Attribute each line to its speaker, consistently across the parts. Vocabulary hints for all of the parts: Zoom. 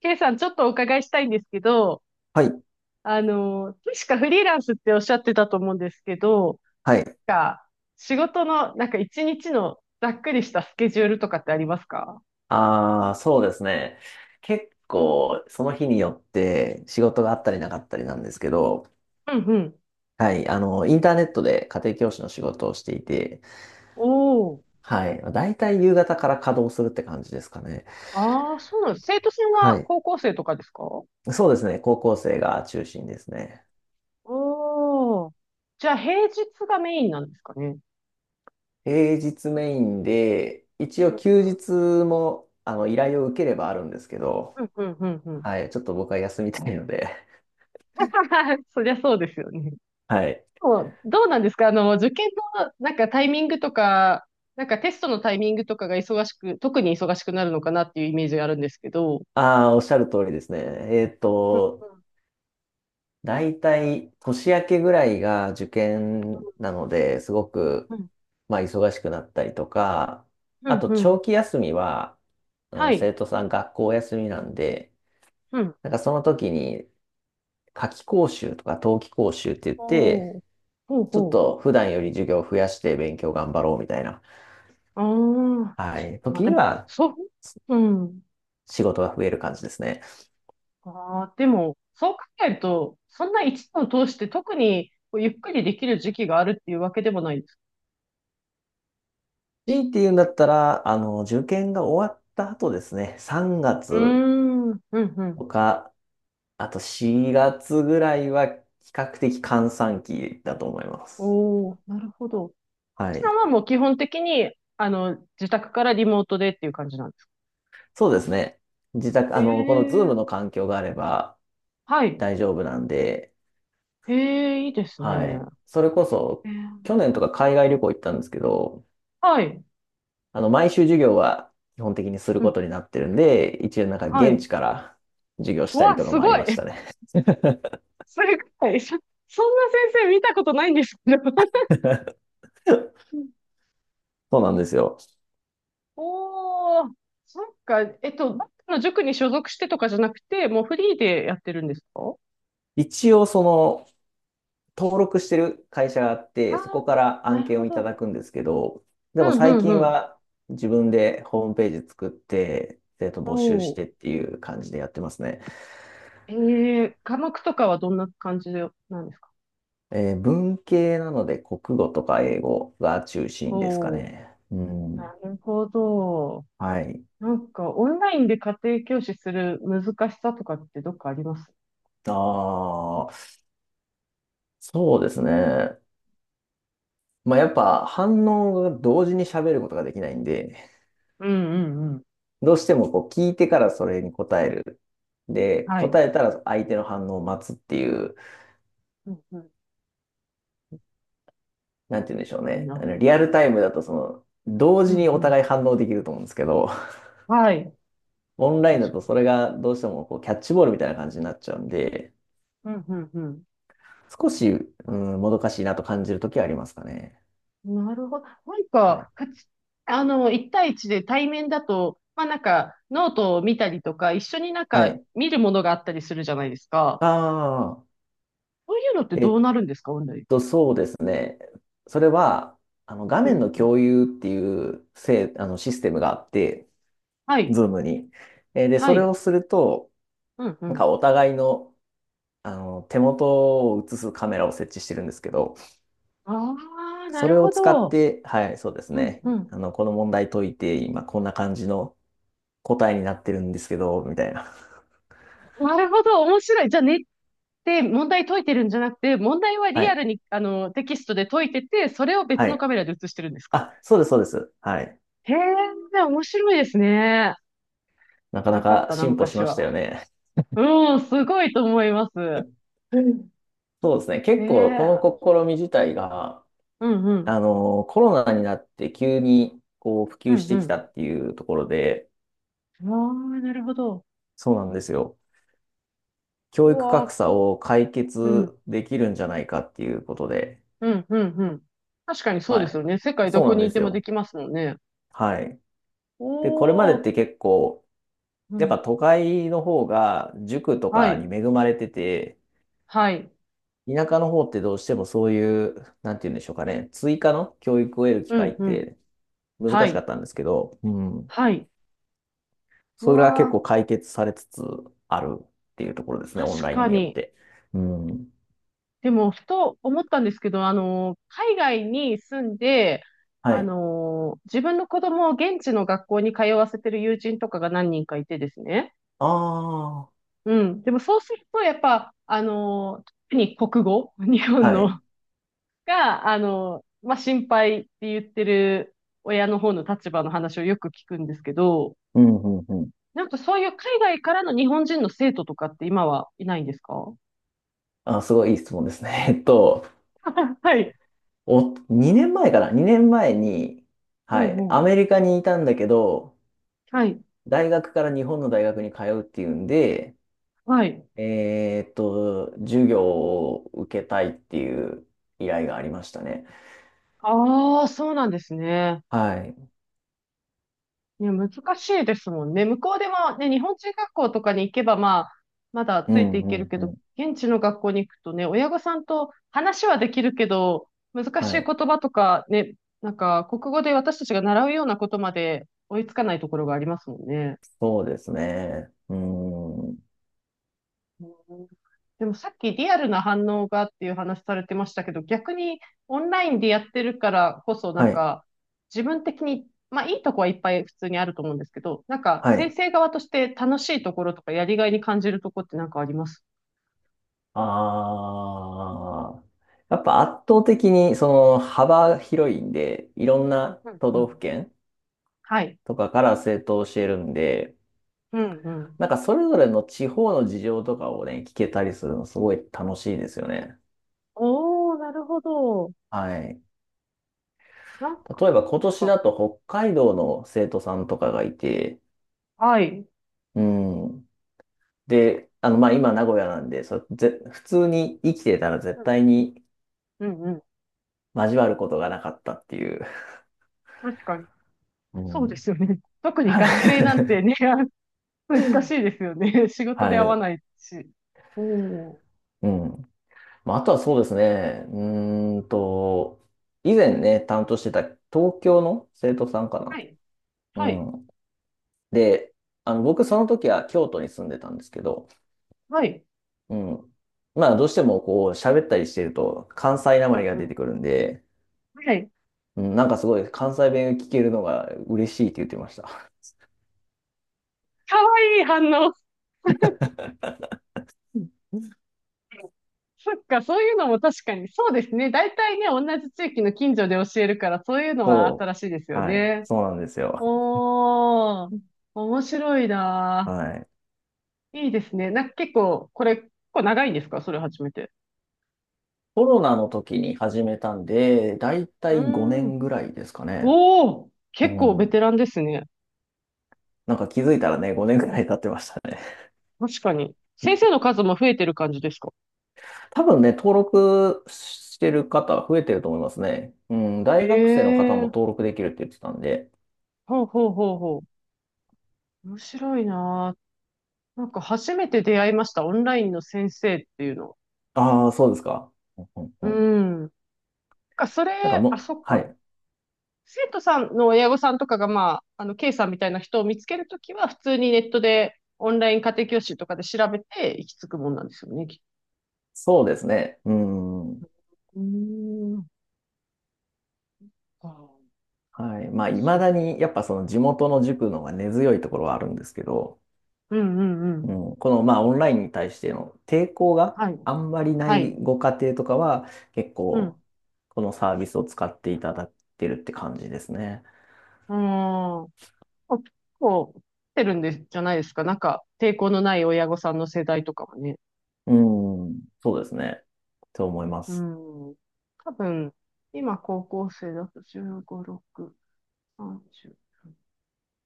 Speaker 1: ケイさん、ちょっとお伺いしたいんですけど、
Speaker 2: はい、
Speaker 1: 確かフリーランスっておっしゃってたと思うんですけど、
Speaker 2: はい。
Speaker 1: なんか仕事の、なんか一日のざっくりしたスケジュールとかってありますか？
Speaker 2: ああ、そうですね。結構、その日によって仕事があったりなかったりなんですけど、
Speaker 1: うんうん。
Speaker 2: はい、インターネットで家庭教師の仕事をしていて、
Speaker 1: おお。
Speaker 2: はい、だいたい夕方から稼働するって感じですかね。
Speaker 1: ああ、そうなんです。生徒さん
Speaker 2: は
Speaker 1: は
Speaker 2: い。
Speaker 1: 高校生とかですか？お
Speaker 2: そうですね、高校生が中心ですね。
Speaker 1: おー。じゃあ平日がメインなんですかね。
Speaker 2: 平日メインで、一
Speaker 1: う
Speaker 2: 応
Speaker 1: ん
Speaker 2: 休日も、依頼を受ければあるんですけど、
Speaker 1: うんうんうんうん
Speaker 2: はい、ちょっと僕は休みたいので、
Speaker 1: そりゃそうですよね。
Speaker 2: はい。
Speaker 1: もうどうなんですか？受験のなんかタイミングとか、なんかテストのタイミングとかが忙しく、特に忙しくなるのかなっていうイメージがあるんですけど。
Speaker 2: ああ、おっしゃる通りですね。えっ
Speaker 1: う
Speaker 2: と、
Speaker 1: ん
Speaker 2: 大体年明けぐらいが受験なので、すご
Speaker 1: う
Speaker 2: く、
Speaker 1: ん。
Speaker 2: まあ、忙しくなったりとか、
Speaker 1: う
Speaker 2: あ
Speaker 1: ん
Speaker 2: と
Speaker 1: うん。う
Speaker 2: 長
Speaker 1: ん
Speaker 2: 期休みは、
Speaker 1: はい。
Speaker 2: 生徒さん学校休みなんで、
Speaker 1: うん。
Speaker 2: なんかその時に夏期講習とか冬季講習って言っ
Speaker 1: ほ
Speaker 2: て、
Speaker 1: う。ほう
Speaker 2: ちょっ
Speaker 1: ほ
Speaker 2: と普段より授業を増やして勉強頑張ろうみたいな、
Speaker 1: う。ああ。
Speaker 2: はい、
Speaker 1: まあ
Speaker 2: 時
Speaker 1: で
Speaker 2: に
Speaker 1: も、
Speaker 2: は
Speaker 1: そう。うん。
Speaker 2: 仕事が増える感じですね。
Speaker 1: ああ、でも、そう考えると、そんな一年を通して特にこうゆっくりできる時期があるっていうわけでもないです。
Speaker 2: 強いて言うんだったら、受験が終わった後ですね、3月
Speaker 1: うーん。うんうん。
Speaker 2: とか、あと4月ぐらいは比較的閑散期だと思います。
Speaker 1: おー、なるほど。
Speaker 2: は
Speaker 1: ちさん
Speaker 2: い。
Speaker 1: はもう基本的に、自宅からリモートでっていう感じなんですか？
Speaker 2: そうですね。自宅、この
Speaker 1: え
Speaker 2: Zoom
Speaker 1: え
Speaker 2: の環境があれば
Speaker 1: はい。
Speaker 2: 大丈夫なんで、
Speaker 1: ええいいです
Speaker 2: は
Speaker 1: ね。
Speaker 2: い。それこそ、
Speaker 1: ええ
Speaker 2: 去年とか海外旅行行ったんですけど、
Speaker 1: はい。
Speaker 2: 毎週授業は基本的にする
Speaker 1: う
Speaker 2: こ
Speaker 1: ん、
Speaker 2: とになってるんで、一応なんか
Speaker 1: は
Speaker 2: 現
Speaker 1: い。
Speaker 2: 地から授業し
Speaker 1: う
Speaker 2: たり
Speaker 1: わ、
Speaker 2: とか
Speaker 1: す
Speaker 2: もあ
Speaker 1: ご
Speaker 2: り
Speaker 1: い。
Speaker 2: ましたね。
Speaker 1: すごい。そんな先生見たことないんですけど。
Speaker 2: そうなんですよ。
Speaker 1: おー、そっか。どっかの塾に所属してとかじゃなくて、もうフリーでやってるんですか？
Speaker 2: 一応登録してる会社があっ
Speaker 1: あ
Speaker 2: て、そ
Speaker 1: あ
Speaker 2: こから
Speaker 1: ー、
Speaker 2: 案
Speaker 1: なる
Speaker 2: 件
Speaker 1: ほ
Speaker 2: をいただ
Speaker 1: ど。
Speaker 2: くんですけど、
Speaker 1: う
Speaker 2: でも
Speaker 1: ん
Speaker 2: 最
Speaker 1: うんう
Speaker 2: 近
Speaker 1: ん。
Speaker 2: は自分でホームページ作って、生徒募集し
Speaker 1: お
Speaker 2: てっ
Speaker 1: ー。
Speaker 2: ていう感じでやってますね。
Speaker 1: ええ、科目とかはどんな感じなんですか？
Speaker 2: 文系なので国語とか英語が中心ですか
Speaker 1: おお
Speaker 2: ね。う
Speaker 1: ー。な
Speaker 2: ん。
Speaker 1: るほど。
Speaker 2: はい。
Speaker 1: なんか、オンラインで家庭教師する難しさとかってどっかあります？
Speaker 2: ああ、そうですね。まあ、やっぱ反応が同時に喋ることができないんで、
Speaker 1: うんうんうん。
Speaker 2: どうしてもこう聞いてからそれに答える。で、
Speaker 1: はい。
Speaker 2: 答えたら相手の反応を待つっていう
Speaker 1: うんうん。
Speaker 2: なんて言うんでしょう
Speaker 1: かみん
Speaker 2: ね。
Speaker 1: な。
Speaker 2: リアルタイムだと同
Speaker 1: う
Speaker 2: 時
Speaker 1: ん
Speaker 2: に
Speaker 1: う
Speaker 2: お
Speaker 1: ん。
Speaker 2: 互い反応できると思うんですけど、
Speaker 1: はい。
Speaker 2: オンラインだ
Speaker 1: 確
Speaker 2: と
Speaker 1: かに。
Speaker 2: それがどうしてもこうキャッチボールみたいな感じになっちゃうんで、
Speaker 1: うんうんうん。
Speaker 2: 少し、う
Speaker 1: あ、
Speaker 2: ん、もどかしいなと感じるときはありますかね。
Speaker 1: なるほど。なん
Speaker 2: はい。
Speaker 1: か、一対一で対面だと、まあなんか、ノートを見たりとか、一緒になん
Speaker 2: は
Speaker 1: か
Speaker 2: い。
Speaker 1: 見るものがあったりするじゃないですか。
Speaker 2: ああ、
Speaker 1: そういうのって
Speaker 2: え
Speaker 1: どう
Speaker 2: っ
Speaker 1: なるんですか、オンライン？
Speaker 2: そうですね。それは、画
Speaker 1: う
Speaker 2: 面
Speaker 1: ん
Speaker 2: の
Speaker 1: うん。
Speaker 2: 共有っていうシステムがあって、
Speaker 1: はい。
Speaker 2: ズームに。で、
Speaker 1: は
Speaker 2: それ
Speaker 1: い。
Speaker 2: をすると、
Speaker 1: うんう
Speaker 2: なんか
Speaker 1: ん。
Speaker 2: お互いの、手元を映すカメラを設置してるんですけど、
Speaker 1: ああ、な
Speaker 2: そ
Speaker 1: る
Speaker 2: れを
Speaker 1: ほ
Speaker 2: 使っ
Speaker 1: ど。
Speaker 2: て、はい、そうです
Speaker 1: うん
Speaker 2: ね。
Speaker 1: うん。
Speaker 2: この問題解いて、今こんな感じの答えになってるんですけど、みたいな。
Speaker 1: なるほど、面白い。じゃあ、ねって問題解いてるんじゃなくて、問題は
Speaker 2: は
Speaker 1: リア
Speaker 2: い。
Speaker 1: ルに、テキストで解いてて、それを別
Speaker 2: は
Speaker 1: の
Speaker 2: い。
Speaker 1: カメラで映してるんですか？
Speaker 2: あ、そうです、そうです。はい。
Speaker 1: へえ、面白いですね。
Speaker 2: なかな
Speaker 1: なかっ
Speaker 2: か
Speaker 1: たな、
Speaker 2: 進歩し
Speaker 1: 昔
Speaker 2: ました
Speaker 1: は。
Speaker 2: よね。
Speaker 1: うん、すごいと思います。
Speaker 2: うん、そうですね。
Speaker 1: へ
Speaker 2: 結構、
Speaker 1: え、
Speaker 2: この試み自体が、
Speaker 1: うんうん、
Speaker 2: コロナになって急に、こう、普
Speaker 1: う
Speaker 2: 及し
Speaker 1: んう
Speaker 2: てきた
Speaker 1: ん。
Speaker 2: っていうところで、
Speaker 1: ああ、なるほど。
Speaker 2: そうなんですよ。
Speaker 1: う
Speaker 2: 教育
Speaker 1: わー、
Speaker 2: 格差を解
Speaker 1: うん、
Speaker 2: 決できるんじゃないかっていうことで、
Speaker 1: うん、うん、うん。確かにそう
Speaker 2: ま
Speaker 1: です
Speaker 2: あ、
Speaker 1: よね。世界ど
Speaker 2: そう
Speaker 1: こ
Speaker 2: なん
Speaker 1: に
Speaker 2: で
Speaker 1: いて
Speaker 2: す
Speaker 1: もで
Speaker 2: よ。
Speaker 1: きますもんね。
Speaker 2: はい。で、これまでっ
Speaker 1: おー、
Speaker 2: て結構、
Speaker 1: う
Speaker 2: やっ
Speaker 1: ん、
Speaker 2: ぱ都会の方が塾と
Speaker 1: は
Speaker 2: か
Speaker 1: い、
Speaker 2: に恵まれてて、
Speaker 1: はい、
Speaker 2: 田舎の方ってどうしてもそういう、なんて言うんでしょうかね、追加の教育を得る機
Speaker 1: う
Speaker 2: 会っ
Speaker 1: ん、うん、
Speaker 2: て難
Speaker 1: は
Speaker 2: しかっ
Speaker 1: い、
Speaker 2: たんですけど、うん。
Speaker 1: はい。
Speaker 2: それが
Speaker 1: わ
Speaker 2: 結構
Speaker 1: あ、
Speaker 2: 解決されつつあるっていうところですね、オン
Speaker 1: 確
Speaker 2: ライン
Speaker 1: か
Speaker 2: によっ
Speaker 1: に。
Speaker 2: て。うん。
Speaker 1: でも、ふと思ったんですけど、海外に住んで、
Speaker 2: はい。
Speaker 1: 自分の子供を現地の学校に通わせてる友人とかが何人かいてですね。
Speaker 2: ああ、
Speaker 1: うん。でも、そうすると、やっぱ、特に国語、日本
Speaker 2: は
Speaker 1: の、
Speaker 2: い。
Speaker 1: が、まあ、心配って言ってる親の方の立場の話をよく聞くんですけど、
Speaker 2: うん、うん、うん。
Speaker 1: なんかそういう海外からの日本人の生徒とかって今はいないんですか？
Speaker 2: あ、すごいいい質問ですね。
Speaker 1: はい。
Speaker 2: 2年前かな ?2 年前に、
Speaker 1: う
Speaker 2: は
Speaker 1: ん
Speaker 2: い、
Speaker 1: う
Speaker 2: ア
Speaker 1: ん。
Speaker 2: メリカにいたんだけど、
Speaker 1: はい。
Speaker 2: 大学から日本の大学に通うっていうんで、
Speaker 1: はい。
Speaker 2: 授業を受けたいっていう依頼がありましたね。
Speaker 1: ああ、そうなんですね。
Speaker 2: はい。
Speaker 1: ね、難しいですもんね。向こうでもね、日本人学校とかに行けば、まあ、まだ
Speaker 2: う
Speaker 1: ついて
Speaker 2: ん、
Speaker 1: いけ
Speaker 2: う
Speaker 1: る
Speaker 2: ん、
Speaker 1: け
Speaker 2: う
Speaker 1: ど、
Speaker 2: ん。
Speaker 1: 現地の学校に行くとね、親御さんと話はできるけど、難し
Speaker 2: は
Speaker 1: い言
Speaker 2: い。
Speaker 1: 葉とかね、なんか、国語で私たちが習うようなことまで追いつかないところがありますもんね。
Speaker 2: そうですね。うん。
Speaker 1: うん。でもさっきリアルな反応がっていう話されてましたけど、逆にオンラインでやってるからこそ、な
Speaker 2: は
Speaker 1: ん
Speaker 2: い、
Speaker 1: か自分的に、まあいいとこはいっぱい普通にあると思うんですけど、なんか
Speaker 2: は
Speaker 1: 先
Speaker 2: い。
Speaker 1: 生側として楽しいところとかやりがいに感じるところってなんかあります？
Speaker 2: ああ。やっぱ圧倒的に幅広いんで、いろんな
Speaker 1: うん
Speaker 2: 都
Speaker 1: う
Speaker 2: 道府
Speaker 1: ん。
Speaker 2: 県
Speaker 1: はい。
Speaker 2: とかから生徒を教えるんで、
Speaker 1: うんうん。
Speaker 2: なんかそれぞれの地方の事情とかをね、聞けたりするのすごい楽しいですよね。
Speaker 1: おー、なるほど。
Speaker 2: はい。
Speaker 1: なん
Speaker 2: 例えば今年
Speaker 1: か、
Speaker 2: だと北海道の生徒さんとかがいて、
Speaker 1: はい。
Speaker 2: うん。で、まあ、今名古屋なんで、普通に生きてたら絶
Speaker 1: うん
Speaker 2: 対に
Speaker 1: うんうん。
Speaker 2: 交わることがなかったっていう。
Speaker 1: 確かに。
Speaker 2: う
Speaker 1: そうで
Speaker 2: ん。
Speaker 1: すよね。特 に
Speaker 2: は
Speaker 1: 学生なんて
Speaker 2: い。
Speaker 1: ね、難しいですよね。仕事で会わないし。おー。
Speaker 2: うん。まあ、あとはそうです
Speaker 1: は
Speaker 2: ね。以前ね、担当してた東京の生徒さんか
Speaker 1: い。
Speaker 2: な。
Speaker 1: はい。
Speaker 2: うん。で、僕その時は京都に住んでたんですけど、
Speaker 1: はい。
Speaker 2: うん。まあ、どうしてもこう、喋ったりしてると、関西な
Speaker 1: う
Speaker 2: まり
Speaker 1: ん
Speaker 2: が
Speaker 1: う
Speaker 2: 出
Speaker 1: ん。
Speaker 2: てくるんで、
Speaker 1: はい。
Speaker 2: うん、なんかすごい関西弁聞けるのが嬉しいって言ってました。
Speaker 1: かわいい反応。そっか、そういうのも確かに。そうですね。大体ね、同じ地域の近所で教えるから、そういう のは
Speaker 2: そ
Speaker 1: 新しいです
Speaker 2: う。
Speaker 1: よ
Speaker 2: はい。
Speaker 1: ね。
Speaker 2: そうなんですよ。
Speaker 1: おー、面白いな
Speaker 2: はい。
Speaker 1: ー。いいですね。なんか結構、これ、結構長いんですか？それ初めて。
Speaker 2: コロナの時に始めたんで、だいた
Speaker 1: う
Speaker 2: い5
Speaker 1: ー
Speaker 2: 年
Speaker 1: ん。
Speaker 2: ぐらいですかね。
Speaker 1: おー、
Speaker 2: う
Speaker 1: 結構ベ
Speaker 2: ん。
Speaker 1: テランですね。
Speaker 2: なんか気づいたらね、5年ぐらい経ってましたね。
Speaker 1: 確かに。先生の 数も増えてる感じですか？
Speaker 2: 多分ね、登録してる方増えてると思いますね。うん。
Speaker 1: へ
Speaker 2: 大学生の方も
Speaker 1: え、
Speaker 2: 登録できるって言ってたんで。
Speaker 1: ほうほうほうほう。面白いなー。なんか初めて出会いました、オンラインの先生っていうの。
Speaker 2: ああ、そうですか。うんうん
Speaker 1: う
Speaker 2: うん、
Speaker 1: ん。かそれ、
Speaker 2: なんか
Speaker 1: あ、
Speaker 2: もう、
Speaker 1: そっ
Speaker 2: は
Speaker 1: か。
Speaker 2: い。
Speaker 1: 生徒さんの親御さんとかが、まあ、K さんみたいな人を見つけるときは、普通にネットで、オンライン家庭教師とかで調べて、行き着くもんなんですよね、きっ
Speaker 2: そうですね。うん。
Speaker 1: と。うーん。ああ、
Speaker 2: はい。まあ、
Speaker 1: 楽
Speaker 2: い
Speaker 1: し
Speaker 2: ま
Speaker 1: い
Speaker 2: だに、やっぱその地元の
Speaker 1: ね。
Speaker 2: 塾の方が根強いところはあるんですけど、
Speaker 1: うんうんうん。
Speaker 2: うん、まあ、オンラインに対しての抵抗が
Speaker 1: はい。
Speaker 2: あんまりな
Speaker 1: は
Speaker 2: い
Speaker 1: い。
Speaker 2: ご家庭とかは、結
Speaker 1: うん。
Speaker 2: 構、このサービスを使っていただいてるって感じですね。
Speaker 1: うーん。あ結構、来てるんで、じゃないですか。なんか、抵抗のない親御さんの世代とかはね。
Speaker 2: うん。そうですね。と思いま
Speaker 1: う
Speaker 2: す。
Speaker 1: ん。多分、今高校生だと15、6、30。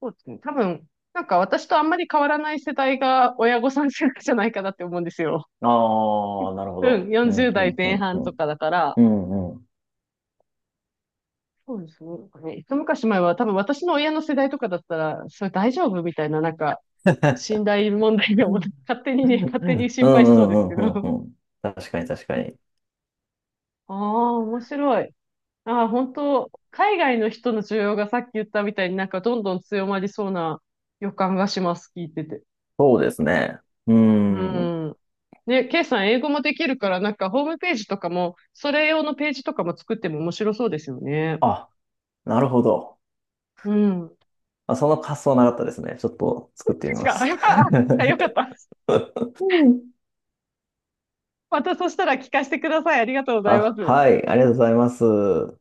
Speaker 1: そうですね。多分、なんか私とあんまり変わらない世代が親御さん世代じゃないかなって思うんですよ。
Speaker 2: ああ、なるほ
Speaker 1: うん、
Speaker 2: ど。う
Speaker 1: 40
Speaker 2: ん、う
Speaker 1: 代
Speaker 2: ん、う
Speaker 1: 前
Speaker 2: ん、う
Speaker 1: 半と
Speaker 2: ん。
Speaker 1: かだから。
Speaker 2: うん、うん。
Speaker 1: そうですね。なんかね、一昔前は多分私の親の世代とかだったら、それ大丈夫みたいな、なんか、
Speaker 2: うん
Speaker 1: 信頼問題でも、勝手に
Speaker 2: う
Speaker 1: ね、
Speaker 2: ん
Speaker 1: 勝手に
Speaker 2: う
Speaker 1: 心配しそうです
Speaker 2: ん
Speaker 1: け
Speaker 2: う
Speaker 1: ど。
Speaker 2: んうん。確かに確かに。
Speaker 1: ああ、面白い。ああ、本当、海外の人の需要がさっき言ったみたいになんかどんどん強まりそうな予感がします、聞いてて。
Speaker 2: そうですね。うー
Speaker 1: う
Speaker 2: ん。
Speaker 1: ん。ね、ケイさん英語もできるから、なんかホームページとかも、それ用のページとかも作っても面白そうですよね。
Speaker 2: あ、なるほど。
Speaker 1: うん。
Speaker 2: あ、その発想なかったですね。ちょっと作ってみ
Speaker 1: 違
Speaker 2: ま
Speaker 1: う。あ
Speaker 2: す。
Speaker 1: よかった。またそしたら聞かせてください。ありがとうございま
Speaker 2: あ、
Speaker 1: す。
Speaker 2: はい。ありがとうございます。